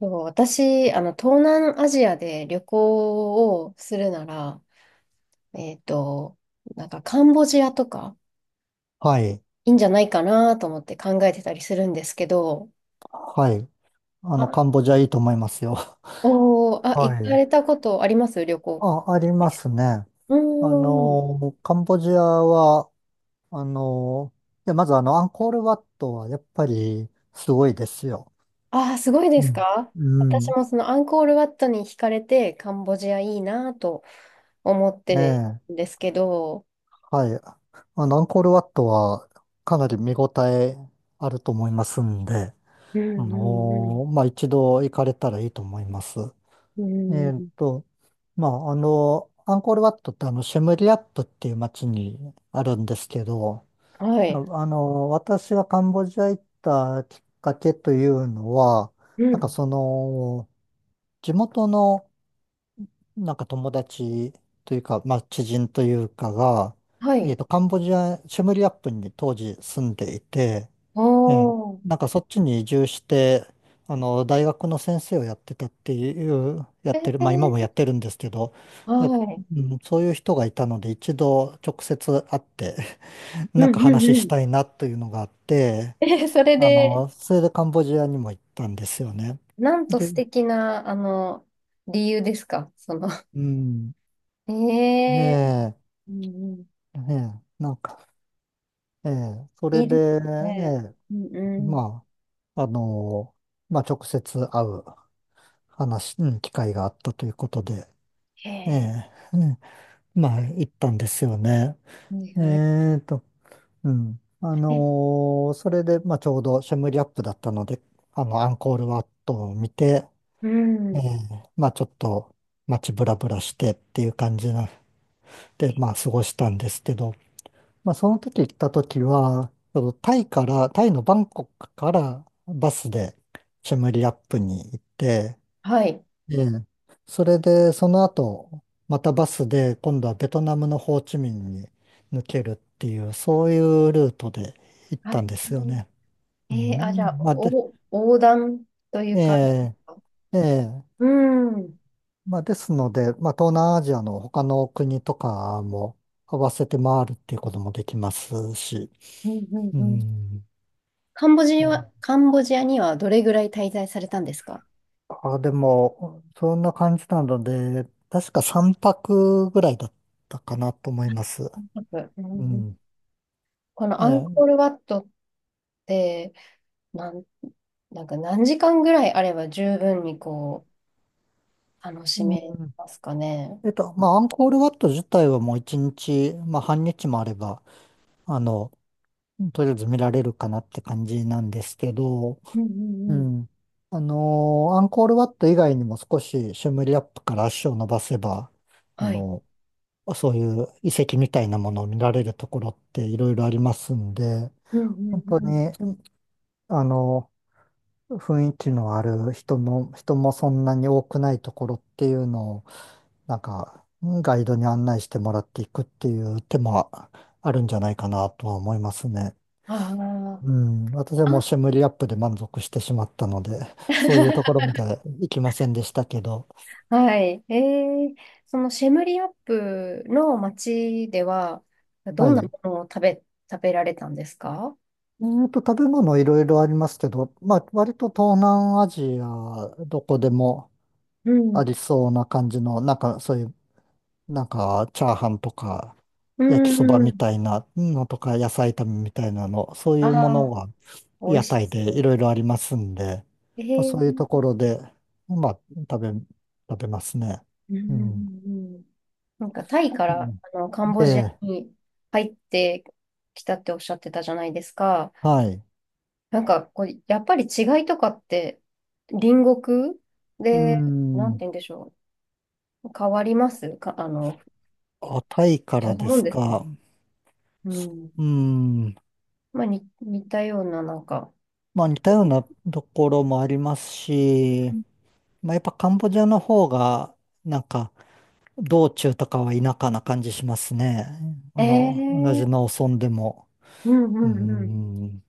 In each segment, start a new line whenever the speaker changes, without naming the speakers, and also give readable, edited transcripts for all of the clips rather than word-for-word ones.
そう私、東南アジアで旅行をするなら、えっと、なんかカンボジアとか
はい。
いいんじゃないかなと思って考えてたりするんですけど、
はい。カン
あ、
ボジアいいと思いますよ。
おー、あ、
は
行か
い。
れたことあります旅行？
あ、ありますね。
うーん。
カンボジアは、あの、いや、まずアンコールワットはやっぱりすごいですよ。
あー、すごいで
う
す
ん。
か？
う
私
ん、
もそのアンコールワットに惹かれてカンボジアいいなと思っ
え
て
え。
るんですけど、
はい。アンコールワットはかなり見応えあると思いますんで、
うんうん
まあ、一度行かれたらいいと思います。
う
え
ん。
ーっ
う
と、まあ、アンコールワットってシェムリアップっていう街にあるんですけど、
ん。はい。
私がカンボジア行ったきっかけというのは、
う
なんか
ん。
その、地元のなんか友達というか、まあ、知人というかが、
はい。
カンボジア、シェムリアップに当時住んでいて、ええ、
おー。
なんかそっちに移住して、大学の先生をやってたっていう、や
え
ってる、まあ今もや
ー
ってるんですけど、
は
や、
い。
うん、そういう人がいたので一度直接会って、
う
なん
ん
か
うん
話
う
し
ん。
たいなというのがあって、
え、それで、
それでカンボジアにも行ったんですよね。
なんと
で、
素敵な、理由ですか、
うん、
ええ、
ね
うんうん。
え、ねえ、なんか、ええ、そ
い
れ
いで
で、え
すね。
え、
うんうん。
まあ、まあ直接会う話、うん、機会があったということで、
へ
え
え、
え、うん、まあ、行ったんですよね。
はい
え
はい。
ーと、うん。
え、
それで、まあ、ちょうどシェムリアップだったので、アンコールワットを見て、
う
え
ん。
え、まあ、ちょっと街ブラブラしてっていう感じなで、
え、
まあ、過ごしたんですけど、まあ、その時行った時は、そのタイから、タイのバンコクからバスでシェムリアップに行って、
はい。
ええ。それで、その後、またバスで、今度はベトナムのホーチミンに抜けるっていう、そういうルートで行っ
あ、
たんですよね。う
えあ、じゃあ、
ん。まあ、で、
横断とい
え
うか、
え、ええ。
うん。うん
まあ、ですので、まあ、東南アジアの他の国とかも合わせて回るっていうこともできますし。
うん
う
うん。
ん。うん、
カンボジアにはどれぐらい滞在されたんですか？
あ、でも、そんな感じなので、確か3泊ぐらいだったかなと思いま
あ、
す。
う
う
ん、
ん。
このアン
え
コ
え、
ールワットって、なん、なんか何時間ぐらいあれば十分にこう、楽
う
しめ
ん。
ますかね？
まあ、アンコールワット自体はもう一日、まあ、半日もあれば、あの、とりあえず見られるかなって感じなんですけど、
うんう
う
んうん。
ん。アンコールワット以外にも少しシュムリアップから足を伸ばせば、あ
はい。
の、そういう遺跡みたいなものを見られるところっていろいろありますんで、
うんうん
本当
うん。
に、あの、雰囲気のある人の、人もそんなに多くないところっていうのを、なんか、ガイドに案内してもらっていくっていう手もあるんじゃないかなとは思いますね。
あ
うん、私
あ。
はもう
あ、
シェムリアップで満足してしまったので、そういうところ まで行きませんでしたけど、
はい。ー、そのシェムリアップの町では、ど
は
んなも
い。
のを食べられたんですか？
食べ物いろいろありますけど、まあ、割と東南アジア、どこでも
う
あ
ん。
りそうな感じの、なんかそういう、なんかチャーハンとか、
う
焼きそば
んう
み
ん。
たいなのとか、野菜炒めみたいなの、そう
あ
いうもの
あ、
が
美味
屋
し
台
そ
でい
う。
ろいろありますんで、
え
まあ、そういうと
ー
ころで、まあ、食べ、食べますね。
うんう
うん。
んうん。なんかタイか
う
ら
ん、
カンボジア
で、
に入ってきたっておっしゃってたじゃないですか。
はい。
なんかこう、やっぱり違いとかって隣国
う
で、なんて
ん。
言うんでしょう？変わりますか、
あ、タイか
違
ら
う
で
もん
す
ですか？
か。
うん。
うん。
まあ、に似たような、なんか。
まあ、似たようなところもありますし、まあ、やっぱカンボジアの方が、なんか、道中とかは田舎な感じしますね。同
え
じ
え、
農村でも。
うんう
う
んうん。
ん。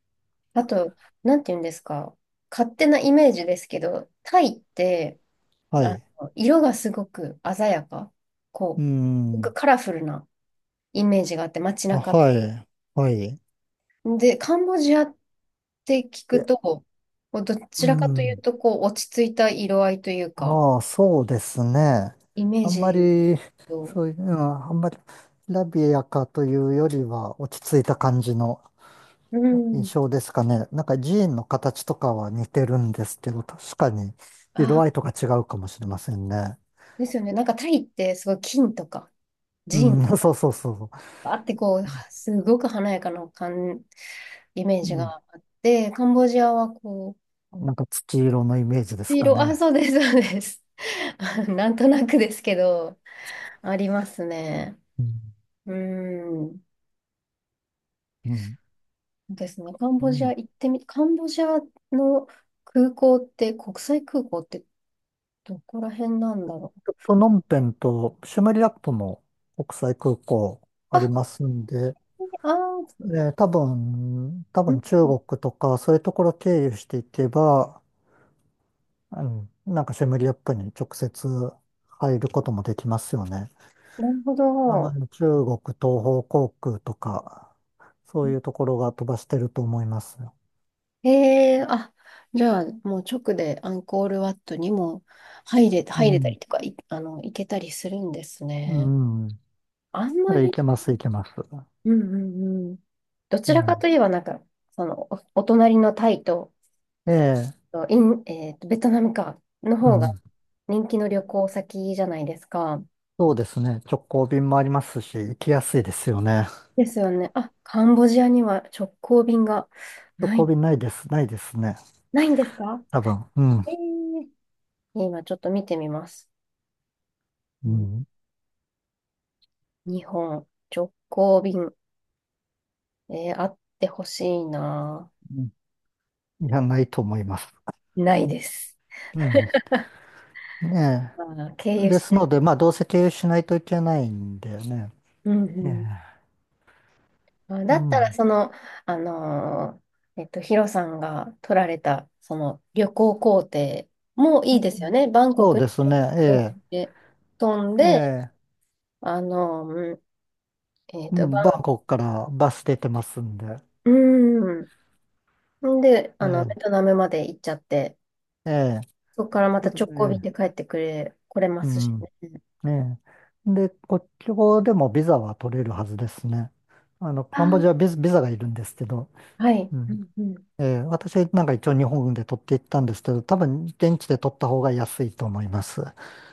あと、なんて言うんですか。勝手なイメージですけど、タイって、
はい。
色がすごく鮮やか。
う
こう、な
ん。
んかカラフルなイメージがあって、街
あ、
中と。
はい。はい。
で、カンボジアって聞くと、ど
う
ちらかという
ん。
と、こう、落ち着いた色合いというか、
ああ、そうですね。
イメー
あんま
ジ
り、
と、
そういう、うん、あんまり、ラビアかというよりは、落ち着いた感じの
う
印
ん、
象ですかね。なんか寺院の形とかは似てるんですけど、確かに、色
あ、
合いとか違うかもしれませんね。
ですよね。なんかタイって、すごい金とか、
う
ジン
ん、
と か、
そうそうそ
あってこう、すごく華やかなイメー
う。う
ジが
ん、
あって、カンボジアはこう、
なんか土色のイメージです
黄
か
色、あ、
ね。
そうです、そうです。なんとなくですけど、ありますね。
うん。
うーん。
うん。
そうですね。
うん、
カンボジアの空港って、国際空港ってどこら辺なんだろう。
プノンペンとシュメリアップも国際空港あり
あ、
ますんで、
あー、
多分、
うん、
中国とかそういうところ経由していけば、うん、なんかシェムリアップに直接入ることもできますよね。
なるほど。
中国東方航空とか、そういうところが飛ばしてると思います。
ええ、あ、じゃあ、もう直でアンコールワットにも
う
入れた
ん、
りとか、い、あの、行けたりするんです
う
ね。
ん、
あんま
い
り、
けます、いけます。
うんうんうん。ど
う
ちらか
ん、
といえば、なんか、その、お隣のタイと、
ええ、
イン、えーと、ベトナムか、の
う
方が
ん、
人気の旅行先じゃないですか。
そうですね。直行便もありますし、行きやすいですよね。
ですよね。あ、カンボジアには直行便が
直
な
行
い、
便ないです、ないですね。
ないんですか？
多分、うん、
えー今ちょっと見てみます。う
う
ん、
ん、
日本直行便、あってほしいな。
うん、いや、ないと思います。
ないです。
うん。ね
あー、経
え。
由
で
し
す
ない。
ので、まあ、どうせ経由しないといけないんだよね。
うん
え
うん、
え。
まあ
う
だったら、
ん。
その、あのヒロさんが取られた、その旅行行程もいいですよね。バンコ
そう
クに
ですね。
直行
え
で飛ん
え。え
で、
え。
うん、
うん。バンコクからバス出てますんで。
うん。で、
え
ベト
え。
ナムまで行っちゃって、
ええ。
そこからまた
それ
直行
え
便で
え。
帰ってくれ、来れま
う
すし
ん。
ね。
ええ。で、国境でもビザは取れるはずですね。
あ
カンボジア
ー、
はビザがいるんですけど。
はい。
う
う
ん。
んうん。
ええ。私なんか一応日本で取っていったんですけど、多分現地で取った方が安いと思います。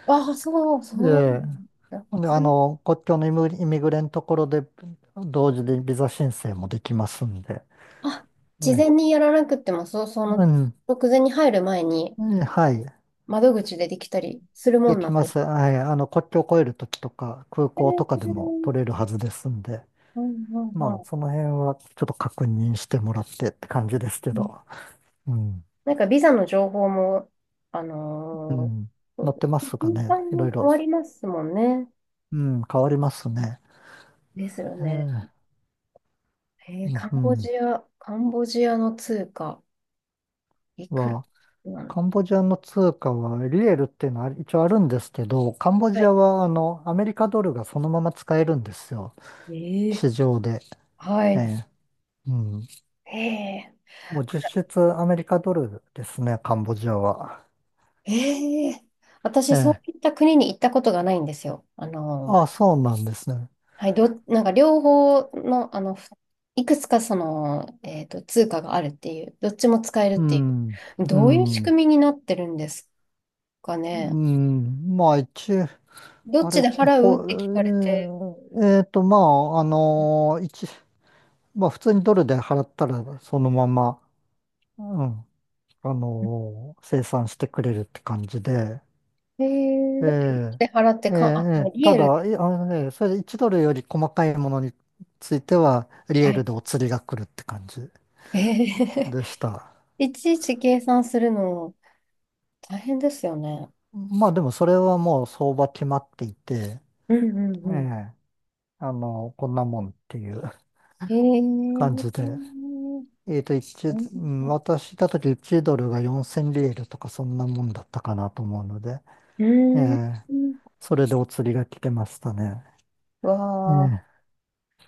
ああ、そう、そう
ええ。
なんだ。
ほんで、
そん
国境のイミグレのところで、同時でビザ申請もできますんで。
あ、
え
事前
え、
にやらなくっても、そう、
うん、
直前に入る前に、
ええ、はい。
窓口でできたりするも
で
んな
き
ん
ま
です。
す。はい。国境を越えるときとか、空
え
港とかでも
ー
取れるはずですんで。
うんうん
まあ、その辺はちょっと確認してもらってって感じですけ
うん。
ど。うん。
なんかビザの情報も、あ
う
の
ん。乗ってますか
頻
ね。
繁
いろ
に
い
変
ろ。
わりますもんね。
うん、変わりますね。
ですよ
え
ね。
え、うん、うん。
カンボジアの通貨、いくら
は、
なん、
カンボジアの通貨はリエルっていうのは一応あるんですけど、カンボ
は
ジ
い。
アはアメリカドルがそのまま使えるんですよ。
えー、
市場で。
は
え
い。
え、うん。
え
も
ー、た
う
くさん、
実質アメリカドルですね、カンボジアは。
えー、
え
私、そう
え。
いった国に行ったことがないんですよ。
ああ、そうなんですね。
はい、なんか両方の、いくつかその、通貨があるっていう、どっちも使える
う
ってい
ん。
う、
う
どういう仕
ん。
組みになってるんですか
う
ね。
ん。まあ一、
どっ
あれ
ち
っ
で
て、
払うっ
ほ、え
て聞かれて、
ーえーと、まあ、あの一、まあ普通にドルで払ったらそのまま、うん。生産してくれるって感じで、
え
え
ー、
え、
で払って
ええ、
か、あ、も
え
う
え、
リ
た
エル、
だ、いあのね、それ1ドルより細かいものについては、リ
は
エール
い。
でお釣りが来るって感じ
え
でした。
いちいち計算するの大変ですよね。
まあでもそれはもう相場決まっていて、
うんうん
え
うん。
え、こんなもんっていう
え
感じで、
ー、
う
う
ん、私いた時1ドルが4000リエールとかそんなもんだったかなと思うので、え
ん、
え、
うん、
それでお釣りが来てましたね。
わ
ええ、
ー、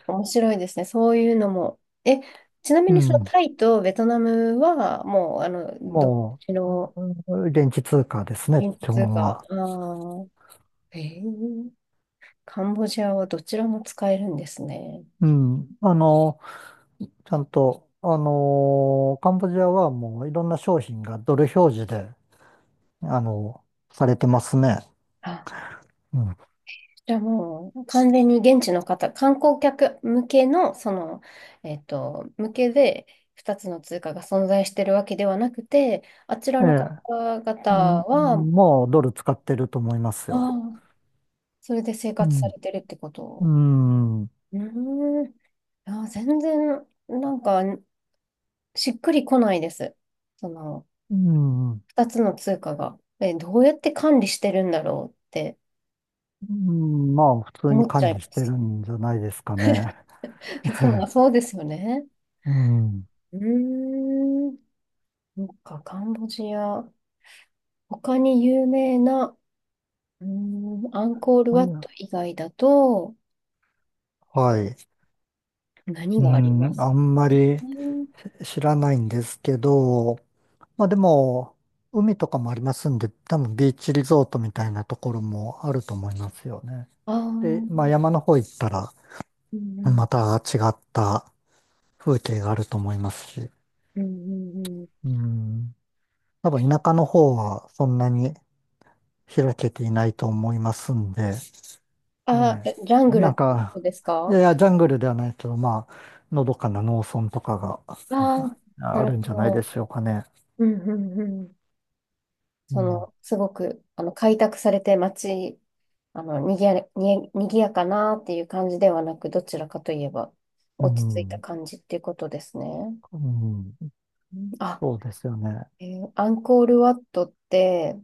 面白いですね、そういうのも。え、ちなみ
う
にその
ん。
タイとベトナムは、もう、どっ
も
ちの
う、現地通貨ですね、
現
基
地通
本
貨、
は。
あー、えーカンボジアはどちらも使えるんですね。
うん。ちゃんと、カンボジアはもういろんな商品がドル表示で、あの、されてますね。
あ、
うん。
じゃあもう、完全に現地の方、観光客向けの、向けで、2つの通貨が存在してるわけではなくて、あちら
え
の方
え。
々
ん
は、
もうドル使ってると思います
あ
よ。
あ、それで生
う
活さ
ん。
れてるってこ
う
と。
ん。う
うーん、あー、全然、なんか、しっくりこないです。その、
ん。
二つの通貨が。え、どうやって管理してるんだろうって
うん、まあ、普通に
思っち
管
ゃいま
理してる
す。
んじゃないですかね。
いつも、そうですよね。
うん。
うーん。なんか、カンボジア、他に有名な、うーアンコール
い
ワッ
や、
ト以外だと、
はい。
何
う
がありま
ん、
す
あんまり
かね？
知らないんですけど、まあでも、海とかもありますんで、多分ビーチリゾートみたいなところもあると思いますよね。
ああ、う
で、まあ
ん、
山の方行ったら、
うん、
また違った風景があると思いますし、
うんうんうん。
うん、多分田舎の方はそんなに開けていないと思いますんで、え
あ
え、
ー、ジャングル
な
っ
ん
てこと
か、
です
いや
か？
いや、ジャングルではないけど、まあ、のどかな農村とかが
ああー、な
あ
る
るんじ
ほ
ゃないで
ど。
しょうかね。
うんうんうん。
う
そ
ん、
の、すごく、開拓されて街、にぎやかなっていう感じではなく、どちらかといえば、
う
落ち着いた
ん、
感じっていうことですね。
うん、
うん、あ、
そうですよね。
アンコールワットって、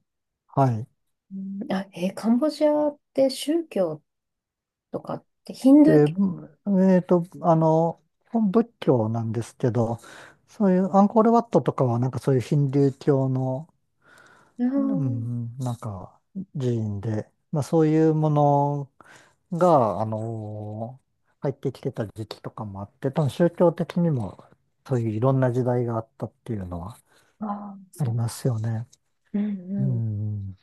はい。
うん、あ、カンボジアって宗教とかってヒンドゥー
で、
教？
えっと、あの、仏教なんですけど、そういうアンコールワットとかは、なんかそういうヒンドゥー教の、う
あ
ん、なんか寺院で、まあそういうものが、入ってきてた時期とかもあって、多分宗教的にもそういういろんな時代があったっていうのは
ー、あー、
あり
そ
ますよね。
う。う
う
んうん。こ
ん。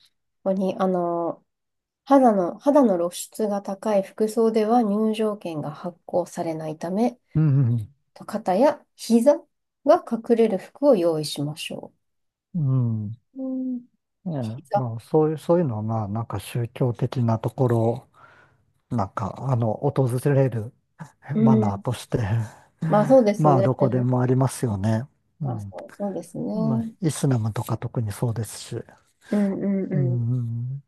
こに、肌の露出が高い服装では入場券が発行されないため、
うん。
と肩や膝が隠れる服を用意しましょ
うん。ね
う。うん。
え、
膝。
まあ、そういうのは、まあ、なんか宗教的なところ、なんか、訪れる
う
マナー
ん。
として、
まあそう です
まあ、
ね。
どこでもありますよね。う
まあ
ん。
そう、そうです
まあ、
ね。
イスラムとか特にそうですし。
うんうん
う
うん。
ん。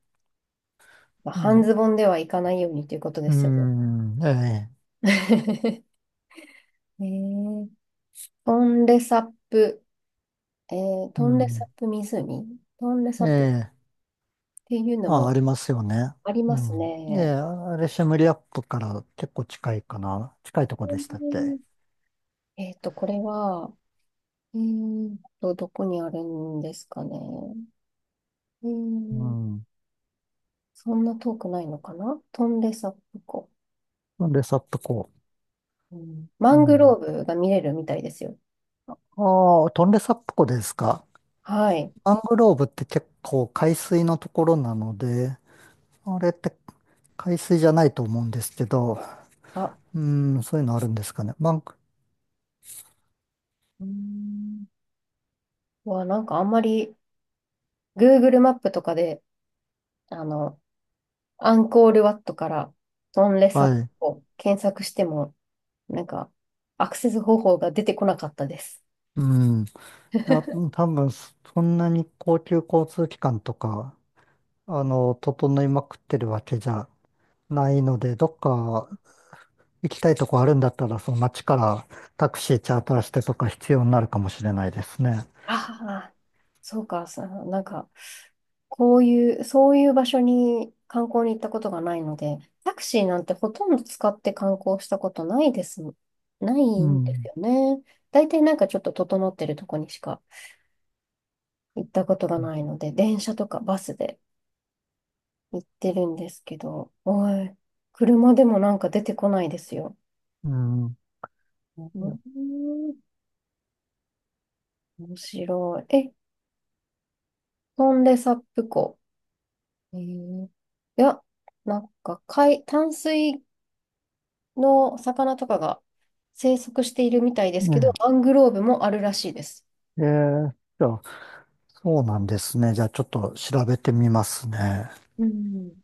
まあ、
う
半
ん。
ズボンではいかないようにということで
う
すよね。
ん。うん、ええ。
えー、トンレサップ、
う
トンレサ
ん。
ップ湖、トンレ
え
サップっ
え。
ていうの
あ、あ
も
りますよね。
あり
う
ます
ん。ええ、
ね。
あれ、シェムリアップから結構近いかな。近いとこ
う
でしたっけ。
ん、これは、どこにあるんですかね。え
う
ー
ん。
そんな遠くないのかな、トンレサ湖。
トンレサップ湖。
うん、マ
う
ングロ
ん。
ーブが見れるみたいですよ。
ああ、トンレサップ湖ですか。
はい。
マングローブって結構海水のところなので、あれって海水じゃないと思うんですけど、
あ、
うん、そういうのあるんですかね。マング、
うーんわ、なんかあんまり Google マップとかで、あの、アンコールワットからトンレ
は
サ
い。
を検索しても、なんかアクセス方法が出てこなかったです。
うん。いや、多分、そんなに高級交通機関とか、整いまくってるわけじゃないので、どっか行きたいとこあるんだったら、その街からタクシーチャーターしてとか必要になるかもしれないですね。
ああ、そうか、なんかこういう、そういう場所に観光に行ったことがないので、タクシーなんてほとんど使って観光したことないです。な
う
いんです
ん。
よね。大体なんかちょっと整ってるとこにしか行ったことがないので、電車とかバスで行ってるんですけど、車でもなんか出てこないですよ。
うん。
う
いや、
ん、面白い。え、トンレサップ湖。えーいや、なんか海、淡水の魚とかが生息しているみたいです
ね
けど、マングローブもあるらしいです。
え。じゃあ、そうなんですね。じゃあ、ちょっと調べてみますね。
うん。